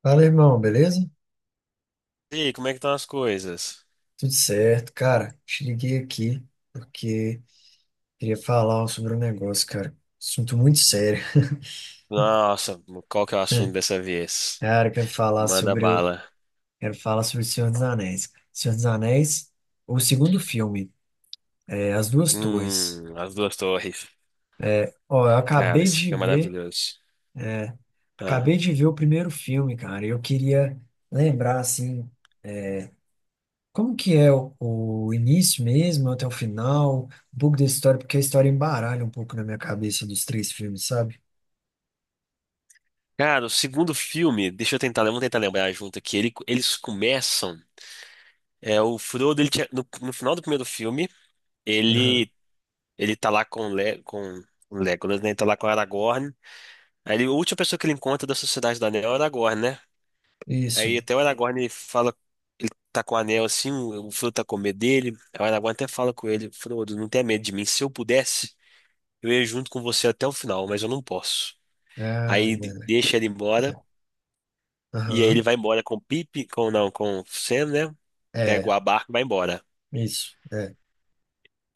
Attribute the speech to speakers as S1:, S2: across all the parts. S1: Fala, irmão, beleza?
S2: E aí, como é que estão as coisas?
S1: Tudo certo, cara. Te liguei aqui porque queria falar sobre um negócio, cara. Assunto muito sério.
S2: Nossa, qual que é o assunto dessa vez?
S1: Cara,
S2: Manda bala.
S1: quero falar sobre o Senhor dos Anéis. Senhor dos Anéis, o segundo filme, As Duas Torres.
S2: As Duas Torres.
S1: Ó, eu
S2: Cara, esse filme é maravilhoso. Ah.
S1: acabei de ver o primeiro filme, cara. Eu queria lembrar assim, como que é o início mesmo até o final, um pouco da história, porque a história embaralha um pouco na minha cabeça dos três filmes, sabe?
S2: Cara, o segundo filme, deixa eu tentar, vamos tentar lembrar junto aqui. Eles começam, é o Frodo, no, no final do primeiro filme, ele ele tá lá com o Le, com o Legolas, né? Ele tá lá com o Aragorn. A última pessoa que ele encontra da Sociedade do Anel é o Aragorn, né?
S1: Isso.
S2: Aí até o Aragorn fala, ele tá com o anel assim, o Frodo tá com medo dele. Aí o Aragorn até fala com ele: Frodo, não tenha medo de mim. Se eu pudesse, eu ia junto com você até o final, mas eu não posso.
S1: Ah, é
S2: Aí
S1: verdade.
S2: deixa ele embora,
S1: É.
S2: e aí ele
S1: Aham.
S2: vai embora com o Pipe, com não, com o Sam, né? Pega
S1: É,
S2: o barca e vai embora.
S1: isso. É.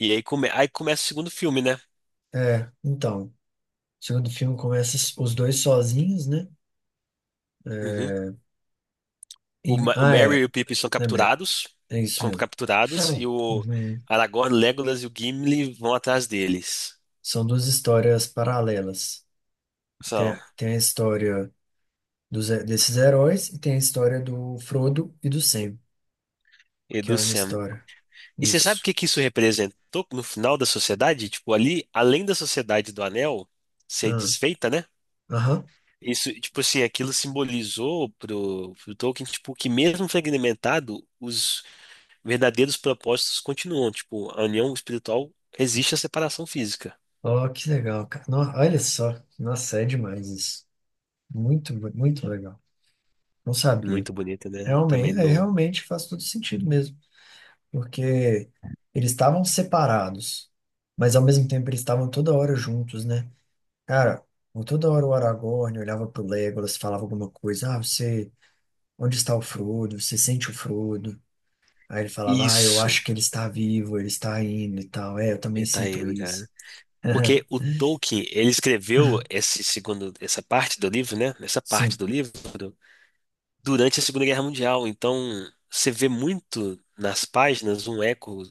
S2: E aí, aí começa o segundo filme, né?
S1: É, então. O segundo filme começa os dois sozinhos, né?
S2: Uhum.
S1: É,
S2: O, O Merry e
S1: é.
S2: o Pipe
S1: Lembrei. É isso
S2: são
S1: mesmo.
S2: capturados, e o
S1: Uhum.
S2: Aragorn, Legolas e o Gimli vão atrás deles.
S1: São duas histórias paralelas. Tem,
S2: São.
S1: a- tem a história desses heróis e tem a história do Frodo e do Sam,
S2: E
S1: que é
S2: do
S1: uma
S2: Sam.
S1: história.
S2: E você sabe o
S1: Isso.
S2: que que isso representou no final da sociedade? Tipo, ali, além da sociedade do anel ser
S1: Ah,
S2: desfeita, né?
S1: aham.
S2: Isso, tipo assim, aquilo simbolizou pro, pro Tolkien, tipo, que mesmo fragmentado, os verdadeiros propósitos continuam. Tipo, a união espiritual resiste à separação física.
S1: Ó, que legal, cara. Olha só. Nossa, é demais isso. Muito, muito legal. Não sabia.
S2: Muito bonito, né? Também
S1: Realmente,
S2: não...
S1: realmente faz todo sentido mesmo, porque eles estavam separados, mas ao mesmo tempo eles estavam toda hora juntos, né? Cara, toda hora o Aragorn olhava pro Legolas, falava alguma coisa, onde está o Frodo? Você sente o Frodo? Aí ele falava, ah, eu
S2: Isso,
S1: acho que ele está vivo, ele está indo e tal. É, eu também
S2: ele tá
S1: sinto
S2: indo,
S1: isso.
S2: cara. Porque o Tolkien, ele escreveu esse segundo, essa parte do livro, né? Essa parte
S1: Sim.
S2: do livro durante a Segunda Guerra Mundial. Então, você vê muito nas páginas um eco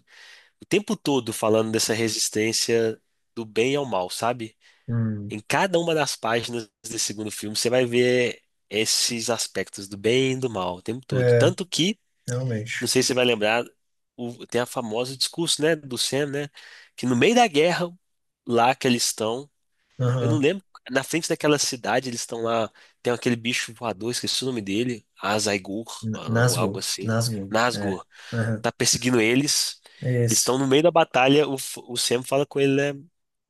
S2: o tempo todo falando dessa resistência do bem ao mal, sabe?
S1: Hum.
S2: Em cada uma das páginas desse segundo filme, você vai ver esses aspectos do bem e do mal o tempo todo.
S1: É,
S2: Tanto que, não
S1: realmente.
S2: sei se você vai lembrar, tem a famosa discurso, né, do Sam, né, que no meio da guerra, lá que eles estão, eu não
S1: Aham.
S2: lembro. Na frente daquela cidade, eles estão lá. Tem aquele bicho voador, esqueci o nome dele. Azaigur, algo
S1: Nazgûl,
S2: algo assim.
S1: Nazgûl, é.
S2: Nazgûl.
S1: Aham.
S2: Tá perseguindo eles.
S1: É
S2: Eles estão
S1: isso.
S2: no meio da batalha. O, o Sam fala com ele, né?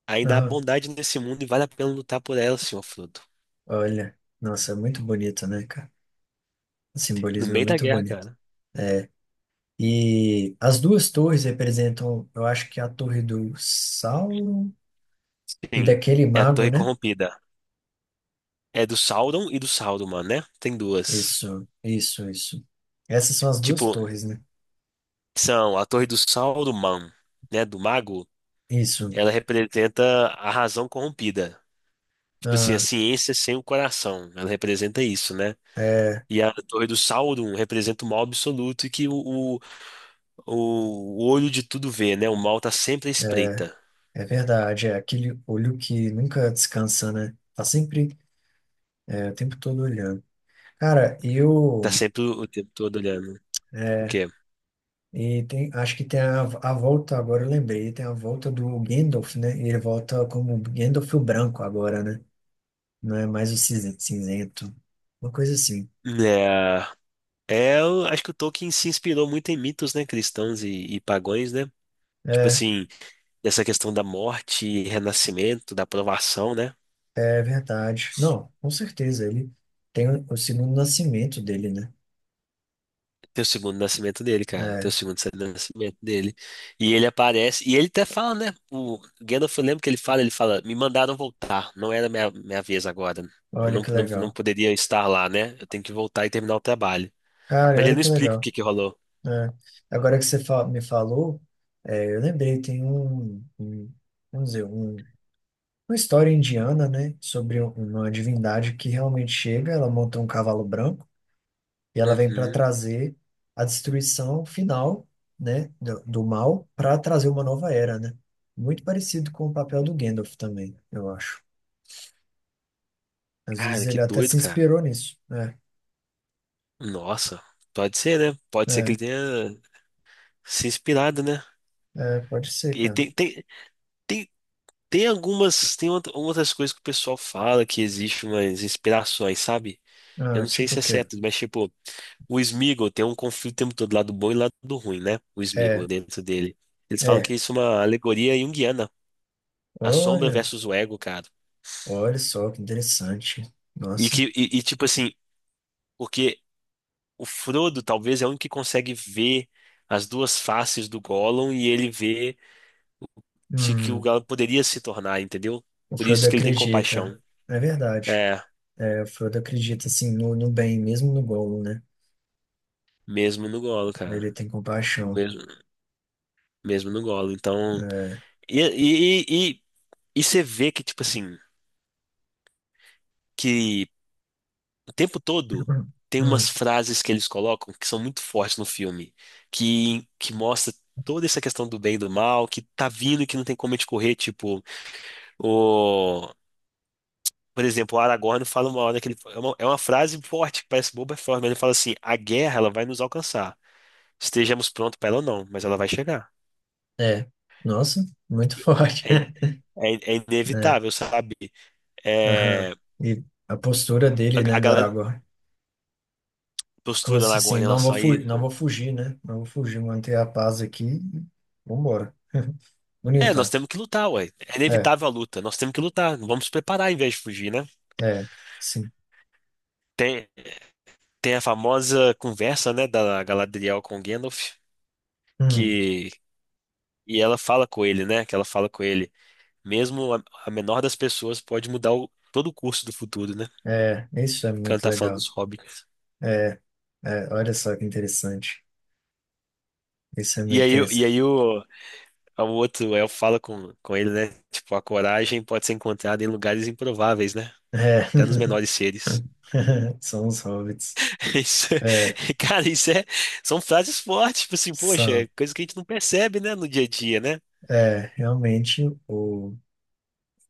S2: Ainda há bondade nesse mundo e vale a pena lutar por ela, senhor Frodo.
S1: Olha, nossa, é muito bonito, né, cara? O
S2: No
S1: simbolismo é
S2: meio da
S1: muito
S2: guerra,
S1: bonito.
S2: cara.
S1: É, e as duas torres representam, eu acho que é a torre do Sauron e
S2: Sim.
S1: daquele
S2: É a
S1: mago,
S2: Torre
S1: né?
S2: Corrompida. É do Sauron e do Saruman, né? Tem duas.
S1: Isso, isso, isso. Essas são as duas
S2: Tipo,
S1: torres, né?
S2: são a Torre do Sauron, né? Do Mago.
S1: Isso.
S2: Ela representa a razão corrompida. Tipo assim, a
S1: Ah,
S2: ciência sem o coração, ela representa isso, né?
S1: é,
S2: E a Torre do Sauron representa o mal absoluto e que o olho de tudo vê, né? O mal tá sempre à espreita,
S1: é verdade. É aquele olho que nunca descansa, né? Tá sempre, o tempo todo olhando. Cara,
S2: tá
S1: eu.
S2: sempre o tempo todo olhando. O quê?
S1: E acho que tem a volta, agora eu lembrei, tem a volta do Gandalf, né? Ele volta como Gandalf o branco agora, né? Não é mais o cinzento. Uma coisa assim.
S2: É, eu acho que o Tolkien se inspirou muito em mitos, né? Cristãos e pagões, né? Tipo
S1: É,
S2: assim, essa questão da morte, renascimento, da provação, né?
S1: é verdade. Não, com certeza, ele tem o segundo nascimento dele, né?
S2: Tem o segundo nascimento dele, cara. Tem o
S1: É,
S2: segundo nascimento dele. E ele aparece. E ele até fala, né? O Gandalf, eu lembro que ele fala, me mandaram voltar. Não era minha, minha vez agora. Eu
S1: olha que
S2: não
S1: legal.
S2: poderia estar lá, né? Eu tenho que voltar e terminar o trabalho.
S1: Cara,
S2: Mas ele
S1: olha
S2: não
S1: que
S2: explica o
S1: legal.
S2: que que rolou.
S1: É. Agora que você me falou, eu lembrei, tem vamos dizer, uma história indiana, né, sobre uma divindade que realmente chega, ela monta um cavalo branco e ela vem para
S2: Uhum.
S1: trazer a destruição final, né, do mal para trazer uma nova era, né? Muito parecido com o papel do Gandalf também, eu acho. Às vezes
S2: Cara, que
S1: ele até se
S2: doido, cara.
S1: inspirou nisso, né?
S2: Nossa. Pode ser, né? Pode ser que
S1: É,
S2: ele tenha se inspirado, né?
S1: é, pode ser,
S2: E
S1: cara.
S2: tem, tem algumas, tem outras coisas que o pessoal fala que existe umas inspirações, sabe? Eu
S1: Ah,
S2: não sei
S1: tipo
S2: se
S1: o
S2: é
S1: quê?
S2: certo, mas tipo. O Sméagol tem um conflito o tempo todo, lado bom e lado ruim, né? O Sméagol
S1: É,
S2: dentro dele. Eles falam que
S1: é.
S2: isso é uma alegoria junguiana, a sombra
S1: Olha,
S2: versus o ego, cara.
S1: olha só que interessante. Nossa.
S2: Tipo assim, porque o Frodo talvez é o único que consegue ver as duas faces do Gollum e ele vê que o
S1: Hum,
S2: Gollum poderia se tornar, entendeu?
S1: o
S2: Por
S1: Frodo
S2: isso que ele tem
S1: acredita.
S2: compaixão.
S1: É verdade.
S2: É,
S1: É, o Frodo acredita assim no bem, mesmo no Gollum, né?
S2: mesmo no Gollum,
S1: Ele
S2: cara.
S1: tem compaixão.
S2: Mesmo, mesmo no Gollum. Então,
S1: É,
S2: e e e e e você vê que tipo assim, que o tempo todo tem umas
S1: Hum.
S2: frases que eles colocam que são muito fortes no filme, que mostra toda essa questão do bem e do mal, que tá vindo e que não tem como a gente correr, tipo, o... Por exemplo, o Aragorn fala uma hora que ele... é uma frase forte, que parece boba, é forte, mas ele fala assim: a guerra, ela vai nos alcançar. Estejamos prontos para ela ou não, mas ela vai chegar.
S1: é. Nossa, muito
S2: Tipo,
S1: forte.
S2: é, é
S1: É,
S2: inevitável, sabe?
S1: aham.
S2: É,
S1: E a postura dele, né,
S2: a
S1: do
S2: galera
S1: Aragorn. Como
S2: postura da
S1: se
S2: Aragorn
S1: assim,
S2: em
S1: não vou
S2: relação a
S1: fugir, não
S2: isso.
S1: vou fugir, né? Não vou fugir, manter a paz aqui. E vambora.
S2: É, nós
S1: Bonita.
S2: temos que lutar, ué. É
S1: É,
S2: inevitável a luta. Nós temos que lutar. Vamos nos preparar em vez de fugir, né?
S1: é, sim.
S2: Tem, tem a famosa conversa, né, da Galadriel com Gandalf,
S1: Hum,
S2: que e ela fala com ele, né? Que ela fala com ele. Mesmo a menor das pessoas pode mudar todo o curso do futuro, né?
S1: isso é
S2: Quando
S1: muito
S2: tá falando
S1: legal.
S2: dos hobbits.
S1: É, é, olha só que interessante. Isso é
S2: E
S1: muito
S2: aí, e
S1: interessante.
S2: aí o outro elfo fala com ele, né? Tipo, a coragem pode ser encontrada em lugares improváveis, né?
S1: É.
S2: Até nos menores seres.
S1: São os hobbits.
S2: Isso,
S1: É,
S2: cara, isso é, são frases fortes, tipo assim, poxa,
S1: são.
S2: é coisa que a gente não percebe, né, no dia a dia, né?
S1: É, realmente, o,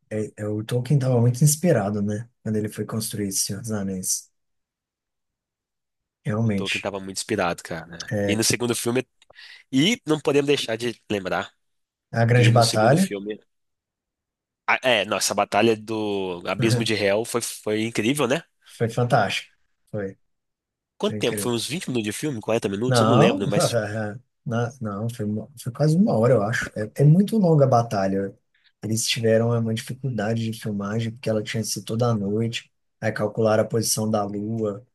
S1: o Tolkien estava muito inspirado, né? Quando ele foi construir esse Senhor dos Anéis.
S2: O Tolkien
S1: Realmente.
S2: tava muito inspirado, cara, né? E
S1: É,
S2: no segundo filme, e não podemos deixar de lembrar
S1: a Grande
S2: que no segundo
S1: Batalha
S2: filme, é, nossa, a batalha do Abismo de Hel foi incrível, né?
S1: foi fantástica. Foi,
S2: Quanto
S1: foi
S2: tempo?
S1: incrível.
S2: Foi uns 20 minutos de filme? 40 minutos? Eu não
S1: Não,
S2: lembro, mas,
S1: não, foi quase uma hora, eu acho. É muito longa a batalha. Eles tiveram uma dificuldade de filmagem, porque ela tinha sido toda à noite. Aí calcularam a posição da lua.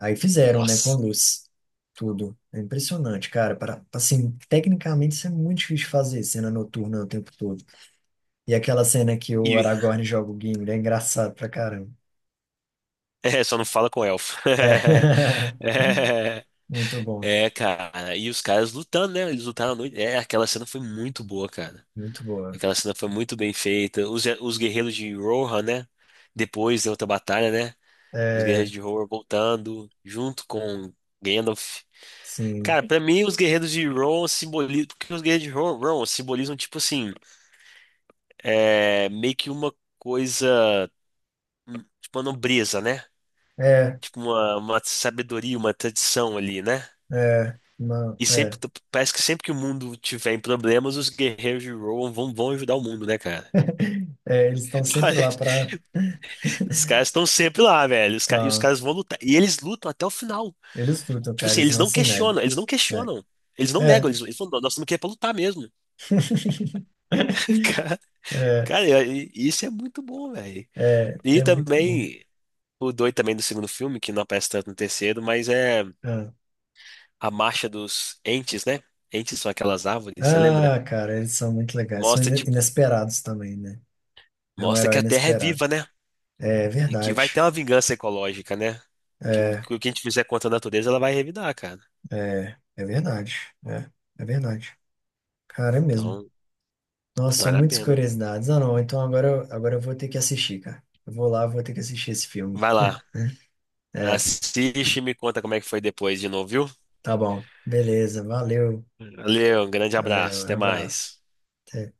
S1: Aí fizeram, né, com
S2: nossa.
S1: luz, tudo. É impressionante, cara. Para, assim, tecnicamente isso é muito difícil de fazer, cena noturna o tempo todo. E aquela cena que o
S2: E,
S1: Aragorn joga o Gimli é engraçado pra caramba.
S2: é, só não fala com o elfo.
S1: É.
S2: É,
S1: Muito bom,
S2: cara, e os caras lutando, né? Eles lutaram à noite. É, aquela cena foi muito boa, cara.
S1: muito boa.
S2: Aquela cena foi muito bem feita. Os guerreiros de Rohan, né? Depois da outra batalha, né? Os guerreiros
S1: É,
S2: de Rohan voltando junto com Gandalf.
S1: sim.
S2: Cara, pra mim, os guerreiros de Rohan simbolizam. Porque os guerreiros de Rohan simbolizam, tipo assim, é, meio que uma coisa. Hum, tipo, uma nobreza, né?
S1: É,
S2: Tipo, uma sabedoria, uma tradição ali, né?
S1: é, não,
S2: E sempre,
S1: é.
S2: parece que sempre que o mundo tiver em problemas, os guerreiros de Rohan vão ajudar o mundo, né, cara?
S1: É, eles estão sempre lá pra.
S2: Os caras estão sempre lá, velho. Os e os
S1: Então,
S2: caras vão lutar. E eles lutam até o final.
S1: eles lutam,
S2: Tipo
S1: cara,
S2: assim,
S1: eles
S2: eles
S1: não
S2: não
S1: se negam.
S2: questionam, eles não
S1: É,
S2: questionam. Eles não negam,
S1: é.
S2: eles falam: "Não, nós estamos aqui é pra lutar mesmo. Cara,
S1: É,
S2: cara, e isso é muito bom, velho.
S1: é,
S2: E
S1: é muito bom.
S2: também, o doido também do segundo filme, que não aparece tanto no terceiro, mas é
S1: Ah,
S2: a marcha dos entes, né? Entes são aquelas árvores, você lembra?
S1: ah, cara, eles são muito legais. São
S2: Mostra, tipo,
S1: inesperados também, né? É um
S2: mostra que
S1: herói
S2: a Terra é
S1: inesperado.
S2: viva, né?
S1: É
S2: E que vai ter
S1: verdade.
S2: uma vingança ecológica, né?
S1: É,
S2: Que o que a gente fizer contra a natureza, ela vai revidar, cara.
S1: é, é verdade. É, é verdade. Cara, é mesmo.
S2: Então,
S1: Nossa, são
S2: vale a
S1: muitas
S2: pena.
S1: curiosidades. Ah, não. Então agora, agora eu vou ter que assistir, cara. Eu vou lá, vou ter que assistir esse filme.
S2: Vai lá.
S1: É,
S2: Assiste e me conta como é que foi depois de novo, viu?
S1: tá bom. Beleza, valeu.
S2: Valeu, um grande
S1: Valeu,
S2: abraço,
S1: um
S2: até
S1: abraço.
S2: mais.
S1: Até.